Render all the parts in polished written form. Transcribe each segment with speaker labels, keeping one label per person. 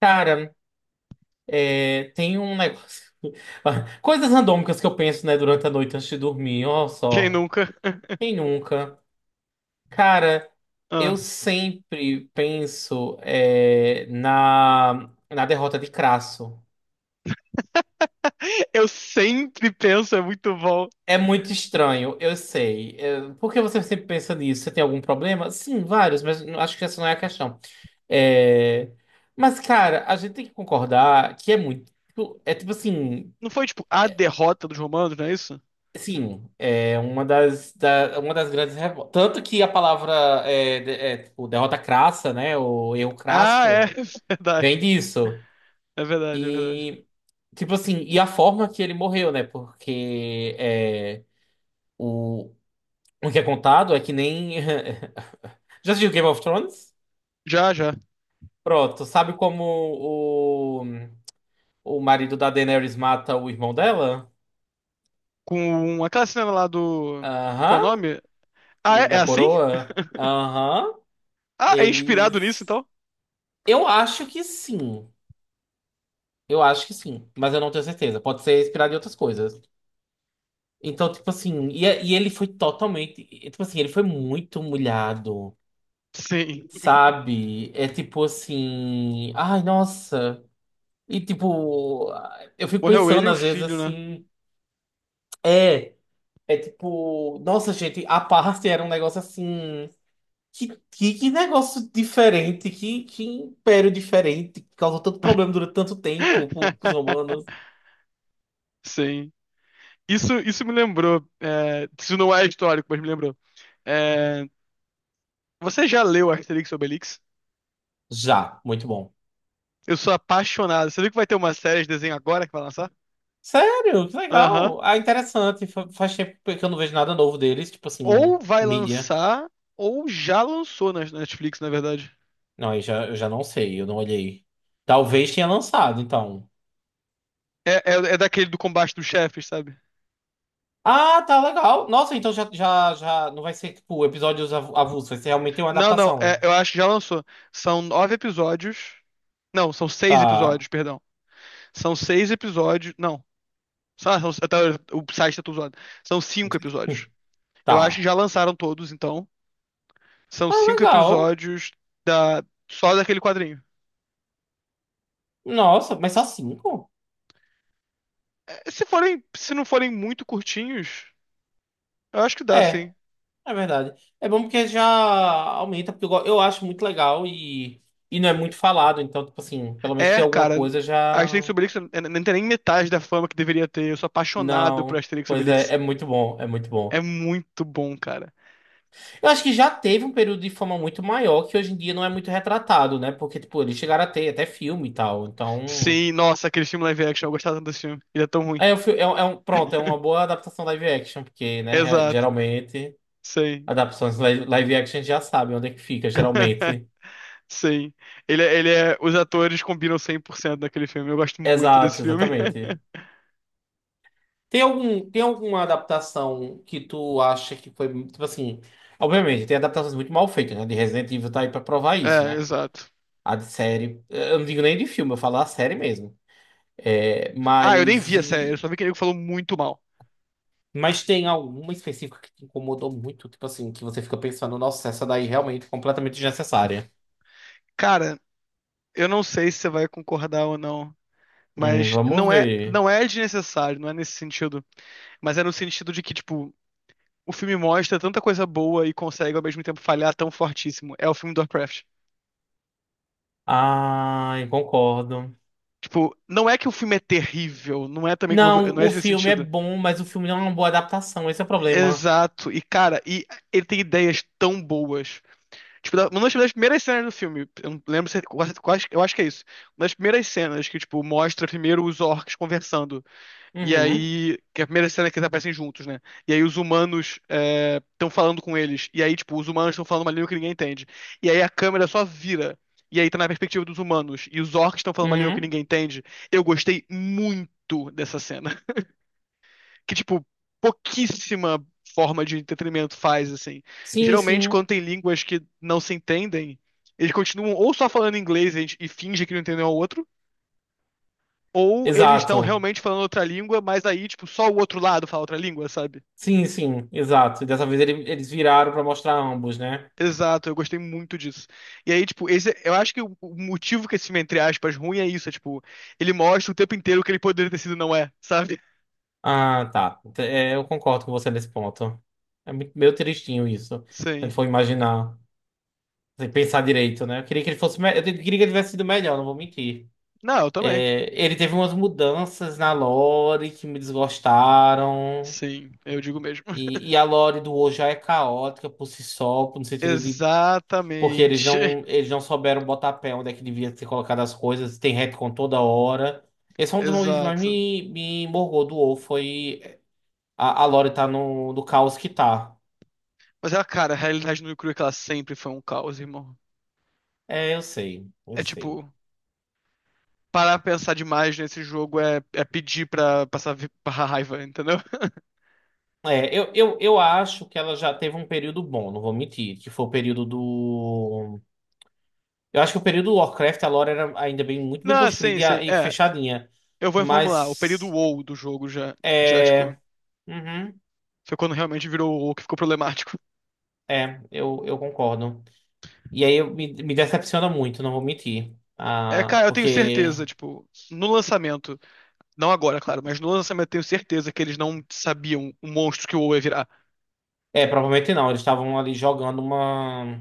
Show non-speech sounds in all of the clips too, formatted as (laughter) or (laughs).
Speaker 1: Cara, tem um negócio. (laughs) Coisas randômicas que eu penso, né, durante a noite antes de dormir. Ó,
Speaker 2: Quem
Speaker 1: só.
Speaker 2: nunca? (laughs)
Speaker 1: Quem nunca? Cara, eu
Speaker 2: Ah.
Speaker 1: sempre penso na derrota de Crasso.
Speaker 2: Eu sempre penso, é muito bom.
Speaker 1: É muito estranho, eu sei. É, por que você sempre pensa nisso? Você tem algum problema? Sim, vários, mas acho que essa não é a questão. É, mas, cara, a gente tem que concordar que É tipo assim.
Speaker 2: Não foi tipo a derrota dos romanos, não é isso?
Speaker 1: Sim, é uma uma das grandes revoltas. Tanto que a palavra tipo, derrota crassa, né? O erro
Speaker 2: Ah, é,
Speaker 1: crasso
Speaker 2: (laughs) é verdade.
Speaker 1: vem disso.
Speaker 2: É verdade, é verdade.
Speaker 1: E, tipo assim, e a forma que ele morreu, né? Porque o, o que é contado é que nem. (laughs) Já assistiu Game of Thrones?
Speaker 2: Já, já.
Speaker 1: Pronto, sabe como o marido da Daenerys mata o irmão dela?
Speaker 2: Com aquela cena lá do. Qual é o
Speaker 1: Aham,
Speaker 2: nome? Ah, é,
Speaker 1: o
Speaker 2: é
Speaker 1: da
Speaker 2: assim?
Speaker 1: coroa? Aham,
Speaker 2: Ah, é inspirado nisso
Speaker 1: eles.
Speaker 2: então?
Speaker 1: Eu acho que sim. Eu acho que sim, mas eu não tenho certeza. Pode ser inspirado em outras coisas. Então, tipo assim, e ele foi Tipo assim, ele foi muito humilhado,
Speaker 2: Sim.
Speaker 1: sabe? É tipo assim. Ai, nossa. E tipo, eu fico
Speaker 2: Morreu ele e
Speaker 1: pensando
Speaker 2: o
Speaker 1: às vezes
Speaker 2: filho, né?
Speaker 1: assim. É, é tipo. Nossa, gente, a parte era um negócio assim. Que negócio diferente, que império diferente, que causou tanto problema durante tanto tempo para os
Speaker 2: (laughs)
Speaker 1: romanos.
Speaker 2: Sim. Isso me lembrou. É, isso não é histórico, mas me lembrou. É, você já leu Asterix e Obelix?
Speaker 1: Já, muito bom.
Speaker 2: Eu sou apaixonado. Você viu que vai ter uma série de desenho agora que vai lançar?
Speaker 1: Sério? Que
Speaker 2: Aham.
Speaker 1: legal. Ah, interessante. Faz tempo que eu não vejo nada novo deles, tipo assim,
Speaker 2: Ou vai
Speaker 1: mídia.
Speaker 2: lançar, ou já lançou na Netflix, na verdade.
Speaker 1: Não, aí já, eu já não sei, eu não olhei. Talvez tenha lançado, então.
Speaker 2: É, é, é daquele do combate dos chefes, sabe?
Speaker 1: Ah, tá legal. Nossa, então já não vai ser, tipo, episódios avulsos, vai ser realmente uma
Speaker 2: Não, não,
Speaker 1: adaptação.
Speaker 2: eu acho que já lançou. São nove episódios. Não, são seis
Speaker 1: Tá,
Speaker 2: episódios, perdão. São seis episódios. Não. Até o site tá tudo zoado. São cinco episódios.
Speaker 1: (laughs)
Speaker 2: Eu acho que
Speaker 1: tá.
Speaker 2: já lançaram todos, então. São
Speaker 1: Ah,
Speaker 2: cinco
Speaker 1: legal.
Speaker 2: episódios da, só daquele quadrinho.
Speaker 1: Nossa, mas só cinco?
Speaker 2: É, se forem, se não forem muito curtinhos. Eu acho que dá,
Speaker 1: É,
Speaker 2: sim.
Speaker 1: é verdade. É bom porque já aumenta, porque eu acho muito legal e não é muito falado, então, tipo assim, pelo menos tem
Speaker 2: É,
Speaker 1: alguma
Speaker 2: cara,
Speaker 1: coisa já.
Speaker 2: Asterix e Obelix não tem nem metade da fama que deveria ter. Eu sou apaixonado por
Speaker 1: Não.
Speaker 2: Asterix e
Speaker 1: Pois
Speaker 2: Obelix.
Speaker 1: é, é muito bom, é muito
Speaker 2: É
Speaker 1: bom.
Speaker 2: muito bom, cara.
Speaker 1: Eu acho que já teve um período de fama muito maior que hoje em dia não é muito retratado, né? Porque, tipo, eles chegaram a ter até filme e tal. Então.
Speaker 2: Sim, nossa, aquele filme live action, eu gostava tanto desse filme. Ele é tão ruim.
Speaker 1: É um, pronto, é uma boa adaptação live action, porque, né,
Speaker 2: Exato.
Speaker 1: geralmente,
Speaker 2: Sim.
Speaker 1: adaptações live action já sabem onde é que fica,
Speaker 2: (laughs)
Speaker 1: geralmente.
Speaker 2: Sim. Ele é. Os atores combinam 100% naquele filme. Eu gosto muito desse
Speaker 1: Exato,
Speaker 2: filme.
Speaker 1: exatamente.
Speaker 2: (laughs)
Speaker 1: Tem alguma adaptação que tu acha que foi, tipo assim. Obviamente, tem adaptações muito mal feitas, né? De Resident Evil tá aí pra provar isso,
Speaker 2: É,
Speaker 1: né?
Speaker 2: exato.
Speaker 1: A de série. Eu não digo nem de filme, eu falo a série mesmo. É,
Speaker 2: Ah, eu nem
Speaker 1: mas
Speaker 2: vi a série, eu
Speaker 1: e.
Speaker 2: só vi que ele falou muito mal.
Speaker 1: Mas tem alguma específica que te incomodou muito, tipo assim, que você fica pensando, nossa, essa daí realmente é completamente desnecessária.
Speaker 2: Cara, eu não sei se você vai concordar ou não, mas
Speaker 1: Vamos
Speaker 2: não é,
Speaker 1: ver.
Speaker 2: não é desnecessário, não é nesse sentido. Mas é no sentido de que, tipo, o filme mostra tanta coisa boa e consegue ao mesmo tempo falhar tão fortíssimo. É o filme do Warcraft.
Speaker 1: Ai, concordo.
Speaker 2: Tipo, não é que o filme é terrível, não é também que
Speaker 1: Não,
Speaker 2: não é
Speaker 1: o
Speaker 2: esse
Speaker 1: filme é
Speaker 2: sentido.
Speaker 1: bom, mas o filme não é uma boa adaptação, esse é o problema.
Speaker 2: Exato. E cara, ele tem ideias tão boas. Tipo, uma das primeiras cenas do filme, eu não lembro se é quase, eu acho que é isso. Uma das primeiras cenas que tipo mostra primeiro os orcs conversando. E
Speaker 1: Uhum,
Speaker 2: aí, que é a primeira cena é que eles aparecem juntos, né? E aí os humanos estão falando com eles. E aí, tipo, os humanos estão falando uma língua que ninguém entende. E aí a câmera só vira. E aí tá na perspectiva dos humanos. E os orcs estão falando uma língua que
Speaker 1: uhum.
Speaker 2: ninguém entende. Eu gostei muito dessa cena. (laughs) Que, tipo, pouquíssima forma de entretenimento faz, assim.
Speaker 1: Sim,
Speaker 2: Geralmente,
Speaker 1: sim.
Speaker 2: quando tem línguas que não se entendem, eles continuam ou só falando inglês e, e fingem que não entendem um ao outro, ou eles estão
Speaker 1: Exato.
Speaker 2: realmente falando outra língua, mas aí, tipo, só o outro lado fala outra língua, sabe?
Speaker 1: Sim, sim, exato. Eles viraram pra mostrar ambos, né?
Speaker 2: Exato, eu gostei muito disso. E aí, tipo, esse, eu acho que o motivo que esse filme, entre aspas, ruim é isso, é, tipo, ele mostra o tempo inteiro o que ele poderia ter sido e não é, sabe?
Speaker 1: Ah, tá. Eu concordo com você nesse ponto. É muito, meio tristinho isso. Se ele
Speaker 2: Sim.
Speaker 1: for imaginar, sem pensar direito, né? Eu queria que ele tivesse sido melhor, não vou mentir.
Speaker 2: Não, eu também.
Speaker 1: É, ele teve umas mudanças na lore que me desgostaram.
Speaker 2: Sim, eu digo mesmo.
Speaker 1: E a
Speaker 2: (laughs)
Speaker 1: lore do hoje já é caótica por si só, no sentido de porque
Speaker 2: Exatamente.
Speaker 1: eles não souberam botar pé onde é que devia ser colocado as coisas, tem retcon toda hora. Esse é um dos motivos que
Speaker 2: Exato.
Speaker 1: me morgou do WoW, foi a Lore tá no caos que tá.
Speaker 2: Mas ela, cara, a realidade no e crua é que ela sempre foi um caos, irmão.
Speaker 1: É, eu sei, eu
Speaker 2: É
Speaker 1: sei.
Speaker 2: tipo, parar pra pensar demais nesse jogo é pedir pra passar pra raiva, entendeu?
Speaker 1: Eu acho que ela já teve um período bom, não vou mentir, que foi o período do. Eu acho que o período do Warcraft, a lore era ainda bem, muito bem
Speaker 2: Não, sim,
Speaker 1: construída
Speaker 2: sim.
Speaker 1: e
Speaker 2: É,
Speaker 1: fechadinha.
Speaker 2: eu vou reformular. O período
Speaker 1: Mas.
Speaker 2: WoW do jogo já, já, tipo,
Speaker 1: É. Uhum,
Speaker 2: foi quando realmente virou o WoW que ficou problemático. (laughs)
Speaker 1: eu concordo. E aí me decepciona muito, não vou mentir.
Speaker 2: É,
Speaker 1: Ah,
Speaker 2: cara, eu tenho
Speaker 1: porque.
Speaker 2: certeza, tipo, no lançamento, não agora, claro, mas no lançamento eu tenho certeza que eles não sabiam o monstro que o WoW ia virar.
Speaker 1: É, provavelmente não, eles estavam ali jogando uma.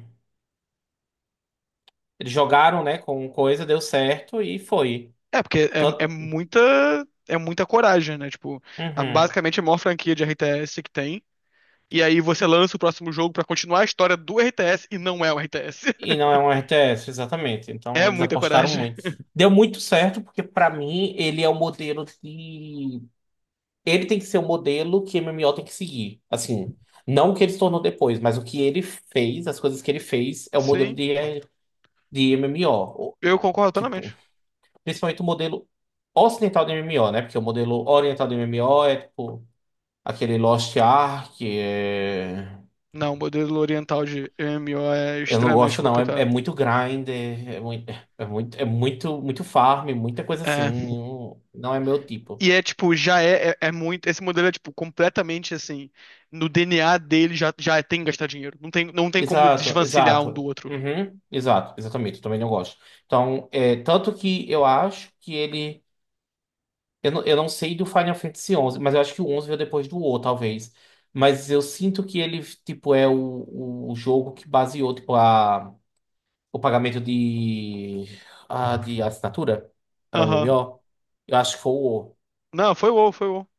Speaker 1: Eles jogaram, né, com coisa, deu certo e foi.
Speaker 2: É, porque é, é
Speaker 1: Tanto,
Speaker 2: muita, é muita coragem, né? Tipo,
Speaker 1: uhum.
Speaker 2: basicamente é a maior franquia de RTS que tem. E aí você lança o próximo jogo pra continuar a história do RTS e não é o RTS.
Speaker 1: E não
Speaker 2: (laughs)
Speaker 1: é um RTS, exatamente. Então
Speaker 2: É
Speaker 1: eles
Speaker 2: muita
Speaker 1: apostaram
Speaker 2: coragem.
Speaker 1: muito.
Speaker 2: (laughs)
Speaker 1: Deu muito certo, porque pra mim ele é o modelo de. Ele tem que ser o modelo que MMO tem que seguir. Assim, não o que ele se tornou depois, mas o que ele fez, as coisas que ele fez, é o modelo
Speaker 2: Sim,
Speaker 1: de MMO.
Speaker 2: eu
Speaker 1: E,
Speaker 2: concordo
Speaker 1: tipo,
Speaker 2: plenamente.
Speaker 1: principalmente o modelo ocidental de MMO, né? Porque o modelo oriental de MMO é tipo aquele Lost Ark, é,
Speaker 2: Não, o modelo oriental de MMO é
Speaker 1: eu não
Speaker 2: extremamente
Speaker 1: gosto, não. É, é
Speaker 2: complicado.
Speaker 1: muito grinder, muito farm, muita coisa assim.
Speaker 2: É.
Speaker 1: Não não é meu tipo.
Speaker 2: E é tipo, já é muito. Esse modelo é tipo completamente assim. No DNA dele já é, tem que gastar dinheiro. Não tem como
Speaker 1: Exato,
Speaker 2: desvencilhar um do
Speaker 1: exato.
Speaker 2: outro.
Speaker 1: Uhum, exato, exatamente. Eu também não gosto. Então, é, tanto que eu acho que ele. Eu não sei do Final Fantasy 11, mas eu acho que o 11 veio depois do O, talvez. Mas eu sinto que ele, tipo, o jogo que baseou, tipo, o pagamento de assinatura para
Speaker 2: Aham.
Speaker 1: MMO. Eu acho que foi o O.
Speaker 2: Não, foi o WoW, foi o WoW.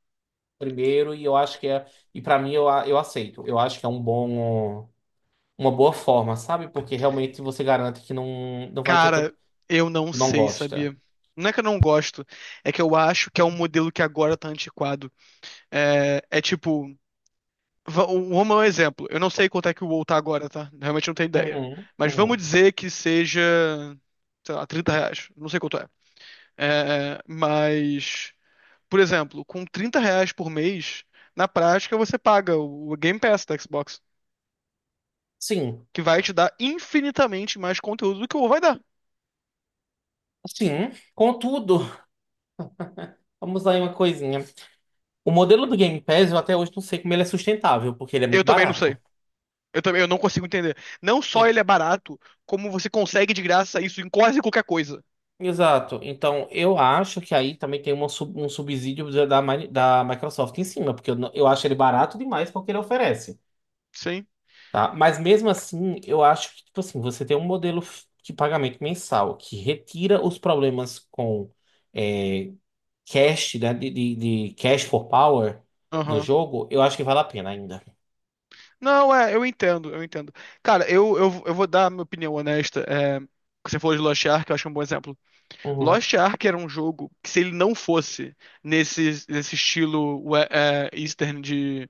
Speaker 1: primeiro e eu acho que é e pra mim eu aceito. Eu acho que é um bom uma boa forma, sabe? Porque realmente você garante que não não vai ter
Speaker 2: Cara,
Speaker 1: tanto
Speaker 2: eu não
Speaker 1: não
Speaker 2: sei,
Speaker 1: gosta.
Speaker 2: sabia? Não é que eu não gosto, é que eu acho que é um modelo que agora tá antiquado. É, é tipo, o Roma é um exemplo. Eu não sei quanto é que o WoW tá agora, tá? Realmente não tenho ideia.
Speaker 1: Uhum,
Speaker 2: Mas vamos
Speaker 1: uhum.
Speaker 2: dizer que seja, sei lá, R$ 30. Não sei quanto é. É, mas, por exemplo, com R$ 30 por mês, na prática você paga o Game Pass da Xbox,
Speaker 1: Sim.
Speaker 2: que vai te dar infinitamente mais conteúdo do que o WoW vai dar.
Speaker 1: Sim. Contudo, vamos lá em uma coisinha. O modelo do Game Pass eu até hoje não sei como ele é sustentável, porque ele é
Speaker 2: Eu
Speaker 1: muito
Speaker 2: também não sei.
Speaker 1: barato.
Speaker 2: Eu também, eu não consigo entender. Não só
Speaker 1: E-
Speaker 2: ele é barato, como você consegue de graça isso em quase qualquer coisa.
Speaker 1: Exato. Então, eu acho que aí também tem uma um subsídio da Microsoft em cima, porque eu, não- eu acho ele barato demais porque ele oferece.
Speaker 2: Sim.
Speaker 1: Tá? Mas mesmo assim, eu acho que, tipo assim, você tem um modelo de pagamento mensal que retira os problemas com é, cash, né, de cash for power do
Speaker 2: Aham.
Speaker 1: jogo, eu acho que vale a pena ainda.
Speaker 2: Não, é, eu entendo, eu entendo. Cara, eu vou dar a minha opinião honesta. É, você falou de Lost Ark, eu acho um bom exemplo.
Speaker 1: Uhum,
Speaker 2: Lost Ark era um jogo que, se ele não fosse nesse estilo Eastern de,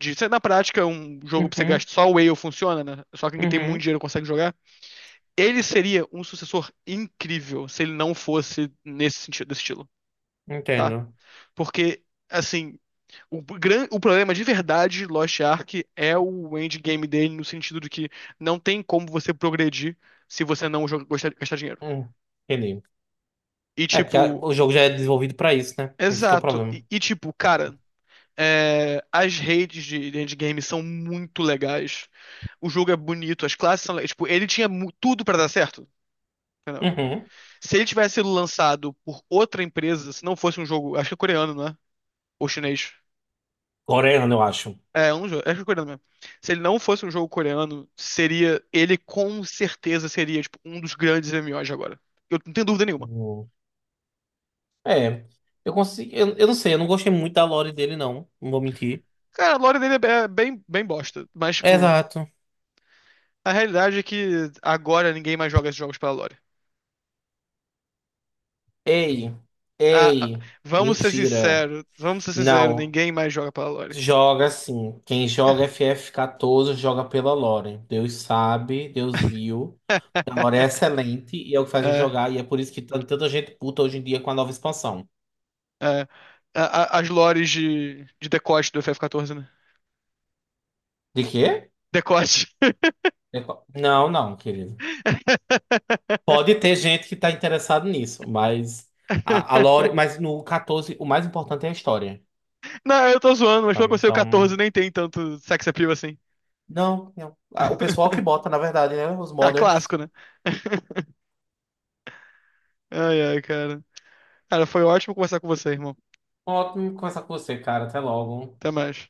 Speaker 2: de ser na prática um jogo pra você
Speaker 1: uhum,
Speaker 2: gastar, só o Whale funciona, né? Só quem tem muito
Speaker 1: uhum,
Speaker 2: dinheiro consegue jogar. Ele seria um sucessor incrível se ele não fosse nesse sentido, desse estilo. Tá?
Speaker 1: entendo.
Speaker 2: Porque, assim, o problema de verdade de Lost Ark é o endgame dele, no sentido de que não tem como você progredir se você não gastar dinheiro.
Speaker 1: Hum, entendi.
Speaker 2: E,
Speaker 1: É, porque
Speaker 2: tipo,
Speaker 1: o jogo já é desenvolvido pra isso, né? Esse que é o
Speaker 2: exato.
Speaker 1: problema.
Speaker 2: E, tipo, cara, as redes de endgame são muito legais. O jogo é bonito, as classes são legais. Tipo, ele tinha tudo pra dar certo. Entendeu?
Speaker 1: Uhum.
Speaker 2: Se ele tivesse sido lançado por outra empresa, se não fosse um jogo, acho que é coreano, né? Ou chinês.
Speaker 1: Coreano, eu acho.
Speaker 2: É um jogo, acho que é coreano mesmo. Se ele não fosse um jogo coreano, seria, ele com certeza seria tipo um dos grandes MMOs de agora. Eu não tenho dúvida nenhuma.
Speaker 1: Hum. É, eu não sei, eu não gostei muito da lore dele, não, não vou mentir.
Speaker 2: Cara, a lore dele é bem, bem bosta, mas tipo,
Speaker 1: Exato.
Speaker 2: a realidade é que agora ninguém mais joga esses jogos pela lore.
Speaker 1: Ei,
Speaker 2: Ah, ah,
Speaker 1: ei, mentira.
Speaker 2: vamos ser sinceros,
Speaker 1: Não,
Speaker 2: ninguém mais joga pela lore.
Speaker 1: joga sim. Quem joga FF14 joga pela Lore. Deus sabe, Deus viu. A Lore é
Speaker 2: (laughs)
Speaker 1: excelente e é o que faz a gente
Speaker 2: É,
Speaker 1: jogar. E é por isso que tá tanta gente puta hoje em dia com a nova expansão.
Speaker 2: é. As lores de decote do f 14, né?
Speaker 1: De quê?
Speaker 2: Decote.
Speaker 1: É não, não, querido.
Speaker 2: (laughs)
Speaker 1: Pode ter gente que tá interessado nisso, mas a Lore, mas no 14 o mais importante é a história.
Speaker 2: Não, eu tô zoando, mas pelo que
Speaker 1: Sabe?
Speaker 2: eu sei, o
Speaker 1: Então,
Speaker 2: 14 nem tem tanto sex appeal assim.
Speaker 1: não, não. Ah, o pessoal que
Speaker 2: (laughs)
Speaker 1: bota, na verdade, né? Os
Speaker 2: Ah,
Speaker 1: modders.
Speaker 2: clássico, né? (laughs) Ai, ai, cara. Cara, foi ótimo conversar com você, irmão.
Speaker 1: Ótimo conversar com você, cara. Até logo.
Speaker 2: Até mais.